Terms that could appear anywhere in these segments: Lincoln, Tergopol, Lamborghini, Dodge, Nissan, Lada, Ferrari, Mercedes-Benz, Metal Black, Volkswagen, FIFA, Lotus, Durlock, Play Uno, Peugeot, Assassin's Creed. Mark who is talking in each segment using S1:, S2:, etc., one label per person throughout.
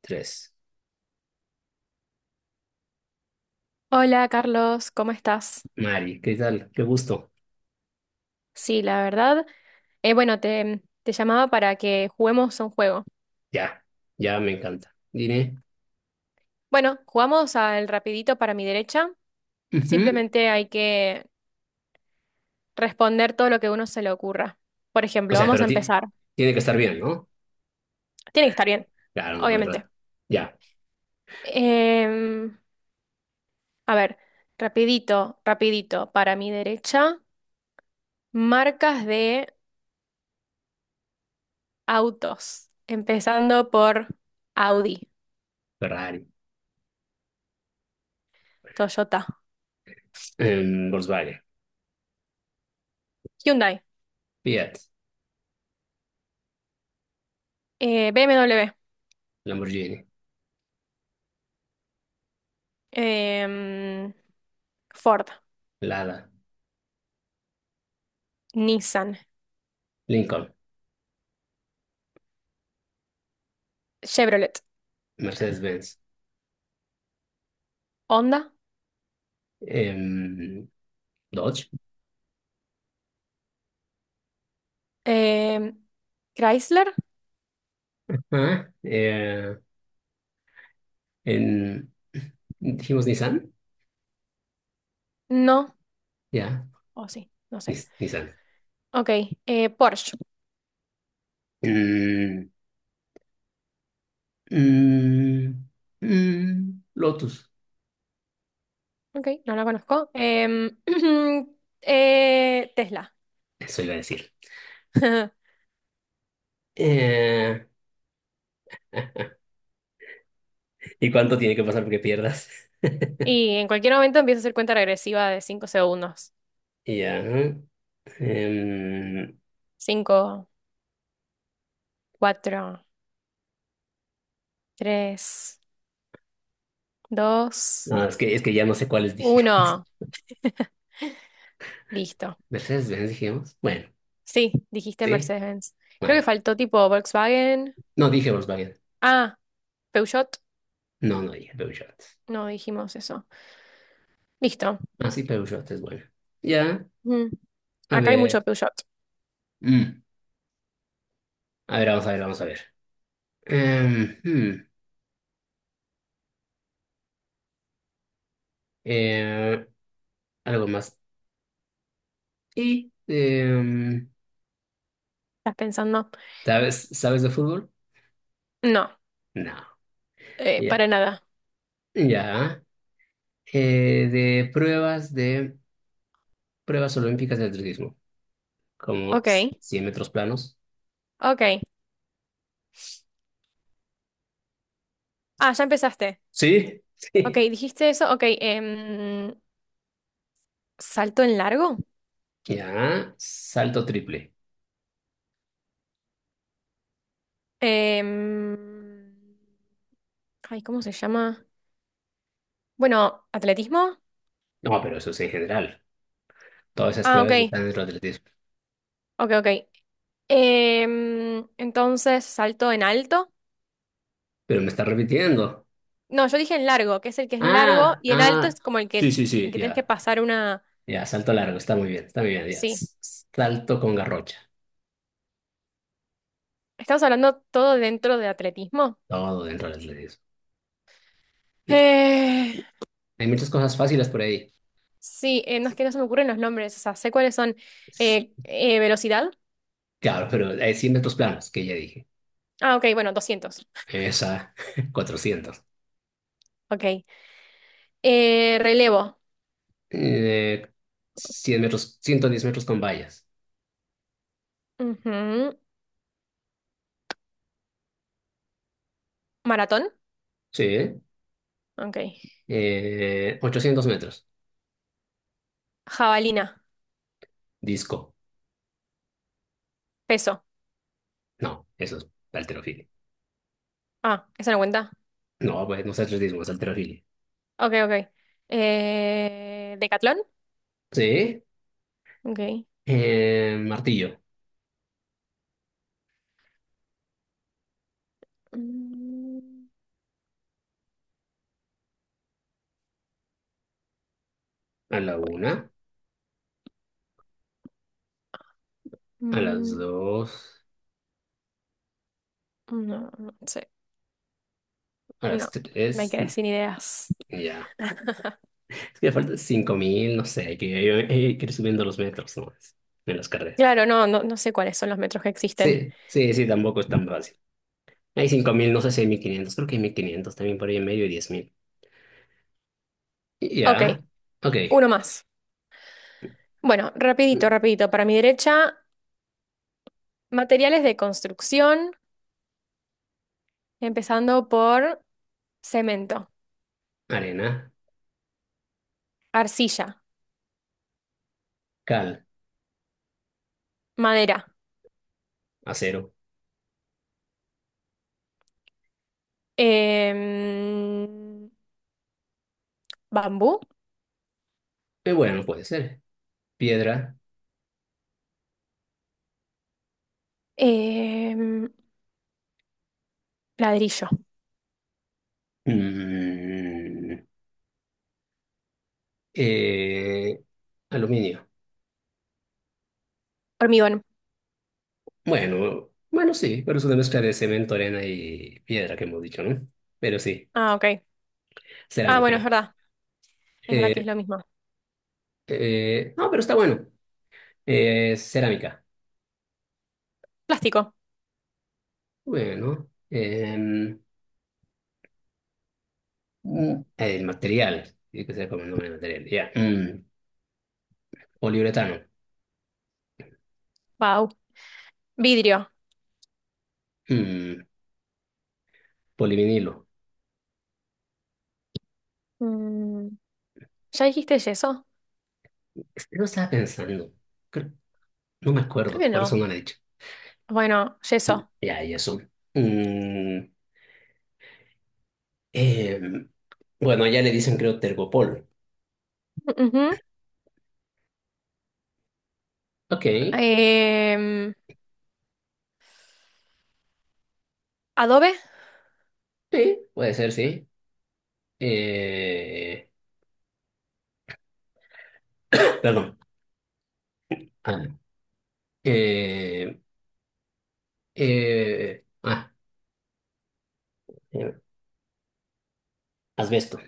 S1: Tres.
S2: Hola Carlos, ¿cómo estás?
S1: Mari, ¿qué tal? Qué gusto.
S2: Sí, la verdad. Bueno, te llamaba para que juguemos a un juego.
S1: Ya, ya me encanta. Dime.
S2: Bueno, jugamos al rapidito para mi derecha.
S1: Ujú.
S2: Simplemente hay que responder todo lo que a uno se le ocurra. Por
S1: O
S2: ejemplo,
S1: sea,
S2: vamos a
S1: pero
S2: empezar.
S1: tiene que estar bien, ¿no?
S2: Tiene que estar bien,
S1: Claro, no puede
S2: obviamente.
S1: errar. Ya,
S2: Em, a ver, rapidito, rapidito para mi derecha. Marcas de autos. Empezando por Audi,
S1: Ferrari,
S2: Toyota,
S1: Volkswagen,
S2: Hyundai,
S1: Fiat,
S2: BMW.
S1: Lamborghini,
S2: Em, Ford,
S1: Lada,
S2: Nissan,
S1: Lincoln,
S2: Chevrolet,
S1: Mercedes-Benz,
S2: Honda,
S1: em, Dodge.
S2: em, Chrysler,
S1: Ah, en, dijimos Nissan.
S2: no,
S1: Ya,
S2: o sí, no sé.
S1: Nissan.
S2: Ok, Porsche,
S1: Mm, mm, Lotus,
S2: ok, no la conozco. Tesla.
S1: eso iba a decir. Eh, ¿Y cuánto tiene que pasar porque pierdas?
S2: Y en cualquier momento empiezo a hacer cuenta regresiva de 5 segundos.
S1: Ya. Ajá. em,
S2: Cinco, cuatro, tres, dos,
S1: no, es que ya no sé cuáles dijimos.
S2: uno. Listo.
S1: Mercedes-Benz dijimos. Bueno,
S2: Sí, dijiste
S1: sí.
S2: Mercedes-Benz.
S1: Ah,
S2: Creo que
S1: ya.
S2: faltó tipo Volkswagen.
S1: No dije Volkswagen.
S2: Ah, Peugeot,
S1: No, no dije Peugeot.
S2: no dijimos eso. Listo.
S1: Ah, sí, Peugeot es bueno. Ya.
S2: Mm.
S1: A
S2: Acá hay mucho
S1: ver.
S2: Peugeot.
S1: Mm, A ver, vamos a ver, vamos a ver. Em, hmm, eh, Algo más. ¿Y
S2: ¿Estás pensando?
S1: sabes de fútbol?
S2: No,
S1: No. Ya.
S2: para nada.
S1: Ya. De pruebas olímpicas de atletismo. Como
S2: Ok,
S1: 100 metros planos.
S2: ok. Ah, ya empezaste.
S1: Sí,
S2: Ok,
S1: sí.
S2: dijiste eso. Ok, salto en largo.
S1: Ya, salto triple.
S2: Em, ay, ¿cómo se llama? Bueno, atletismo.
S1: No, pero eso es en general. Todas esas
S2: Ah, ok,
S1: pruebas están dentro del atletismo.
S2: ok, ok. Em, entonces, salto en alto.
S1: Pero me está repitiendo.
S2: No, yo dije en largo, que es el que es de largo,
S1: Ah,
S2: y en alto
S1: ah.
S2: es como
S1: Sí, sí,
S2: el
S1: sí,
S2: que tienes que
S1: ya.
S2: pasar una...
S1: Ya, salto largo, está muy bien, está muy bien. Ya.
S2: Sí.
S1: Salto con garrocha.
S2: Estamos hablando todo dentro de atletismo.
S1: Todo dentro del atletismo. Y
S2: Eh,
S1: hay muchas cosas fáciles por ahí.
S2: sí, no es que no se me ocurren los nombres, o sea, sé cuáles son.
S1: S-
S2: Velocidad.
S1: Claro, pero hay 100 metros planos, que ya dije.
S2: Ah, ok, bueno, doscientos,
S1: Esa, 400.
S2: ok. Relevo.
S1: Eh, 100 metros, 110 metros con vallas.
S2: Ujú. Maratón.
S1: Sí.
S2: Ok.
S1: 800 metros.
S2: Jabalina.
S1: Disco.
S2: Peso.
S1: No, eso es halterofilia.
S2: Ah, esa no cuenta.
S1: No, pues no es atletismo, es halterofilia.
S2: Ok, ok. Decatlón.
S1: Sí.
S2: Ok.
S1: Martillo.
S2: Mm,
S1: A la
S2: uy.
S1: una, a las
S2: Mm,
S1: dos,
S2: no, no sé.
S1: a
S2: No,
S1: las
S2: me
S1: tres.
S2: quedé sin ideas.
S1: Ya. Es que me faltan 5.000, no sé. Hay que ir subiendo los metros nomás en las carreras.
S2: Claro, no, no, no sé cuáles son los metros que existen.
S1: Sí, sí, sí, tampoco es tan fácil. Hay 5.000, no sé si hay 1.500. Creo que hay 1.500 también por ahí en medio y 10.000.
S2: Ok,
S1: Ya. Ok.
S2: uno más. Bueno, rapidito, rapidito. Para mi derecha, materiales de construcción, empezando por cemento,
S1: Arena.
S2: arcilla,
S1: Cal.
S2: madera,
S1: Acero.
S2: em, bambú,
S1: Bueno, puede ser. Piedra,
S2: em, ladrillo,
S1: mm, eh, aluminio.
S2: hormigón.
S1: Bueno, bueno, sí, pero es una mezcla de cemento, arena y piedra que hemos dicho, ¿no? Pero sí,
S2: Ah, ok. Ah, bueno, es
S1: cerámica.
S2: verdad. Es verdad que
S1: Eh,
S2: es lo mismo.
S1: no, pero está bueno. Cerámica.
S2: Plástico.
S1: Bueno, el material tiene que ser como el nombre del material, ya. Poliuretano.
S2: Wow. Vidrio.
S1: Mm, Polivinilo.
S2: Mm, ¿ya dijiste yeso?
S1: Este lo estaba pensando, creo- no me
S2: Creo
S1: acuerdo,
S2: que
S1: por eso
S2: no.
S1: no lo he dicho.
S2: Bueno, yeso.
S1: Ya, y eso. Mm, Eh, bueno, allá le dicen creo Tergopol.
S2: Ujú.
S1: Ok,
S2: Em, adobe.
S1: sí, puede ser, sí. Eh, Perdón. Ah, eh, eh, ah, eh, Asbesto.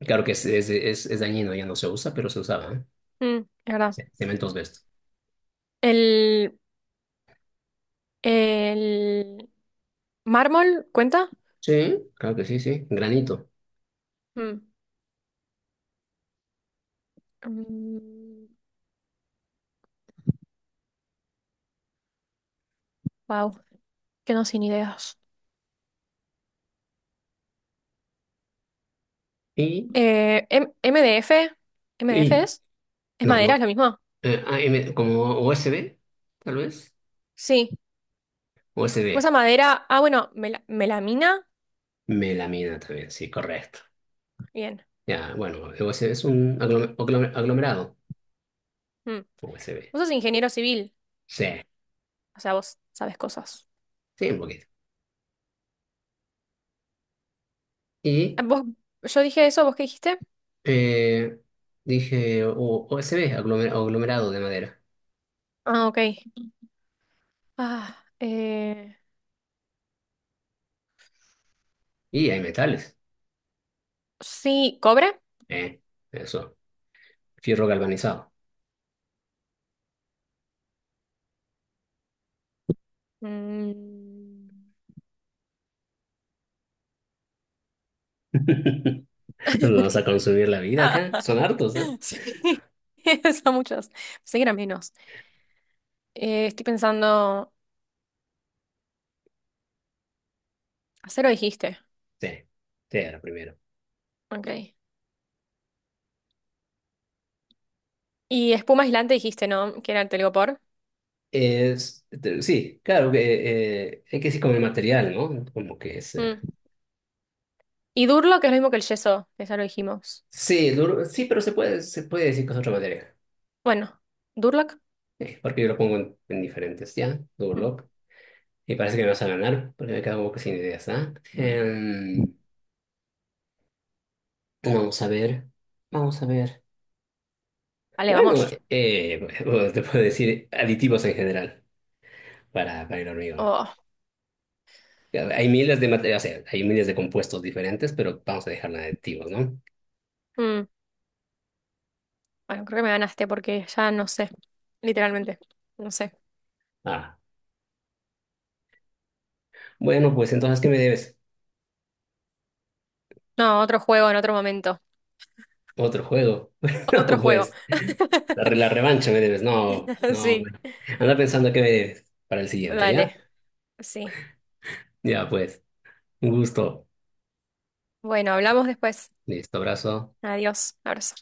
S1: Claro que es dañino, ya no se usa, pero se usaba, ¿eh?
S2: Mm, es verdad.
S1: Sí, cemento asbesto.
S2: El, el mármol, ¿cuenta?
S1: Sí, claro que sí, sí. Granito.
S2: Wow, que no sin ideas.
S1: Y,
S2: MDF, MDF
S1: y,
S2: es
S1: no,
S2: madera, es
S1: no.
S2: la misma.
S1: AM, como USB, tal vez.
S2: Sí.
S1: USB.
S2: ¿Cómo esa madera? Ah, bueno, melamina.
S1: Melamina también, sí, correcto.
S2: Bien.
S1: Ya, bueno, USB es un aglomerado.
S2: Mm.
S1: USB.
S2: Vos sos ingeniero civil,
S1: Sí,
S2: o sea, vos sabes cosas.
S1: sí, un poquito. Y
S2: Ah, vos, yo dije eso, ¿vos qué dijiste?
S1: eh, Dije OSB, aglomerado de madera.
S2: Ah, ok. Ah, eh,
S1: Y hay metales.
S2: sí, cobre.
S1: Eh, Eso, fierro galvanizado.
S2: Mm.
S1: Nos vamos a consumir la vida acá. Son hartos, ¿eh?
S2: Sí, son muchos. Pensé que eran menos. Estoy pensando, acero dijiste,
S1: Sí, sí, era primero.
S2: ok. Y espuma aislante dijiste, ¿no? Que era el telgopor.
S1: Sí, claro, que hay que decir como el material, ¿no? Como que es,
S2: Mm. Y Durlock es lo mismo que el yeso, que ya lo dijimos.
S1: sí, duro, sí, pero se puede decir que es otra materia.
S2: Bueno, Durlock.
S1: Sí, porque yo lo pongo en, diferentes, ¿ya?
S2: Mm.
S1: Durlock. Y parece que me vas a ganar, porque me quedo sin ideas, ¿ah? Vamos a ver, vamos a ver.
S2: Vale,
S1: Bueno,
S2: vamos.
S1: bueno, te puedo decir aditivos en general para el hormigón.
S2: Oh,
S1: Hay miles de materiales, o sea, hay miles de compuestos diferentes, pero vamos a dejarla de aditivos, ¿no?
S2: mm. Bueno, creo que me ganaste porque ya no sé, literalmente. No sé.
S1: Ah, bueno, pues entonces, ¿qué me debes?
S2: No, otro juego en otro momento.
S1: Otro juego.
S2: Otro
S1: No,
S2: juego.
S1: pues, la revancha me debes. No, no,
S2: Sí,
S1: bueno. Anda pensando qué me debes para el siguiente, ¿ya?
S2: vale, sí.
S1: Ya, pues, un gusto.
S2: Bueno, hablamos después.
S1: Listo, abrazo.
S2: Adiós, abrazo.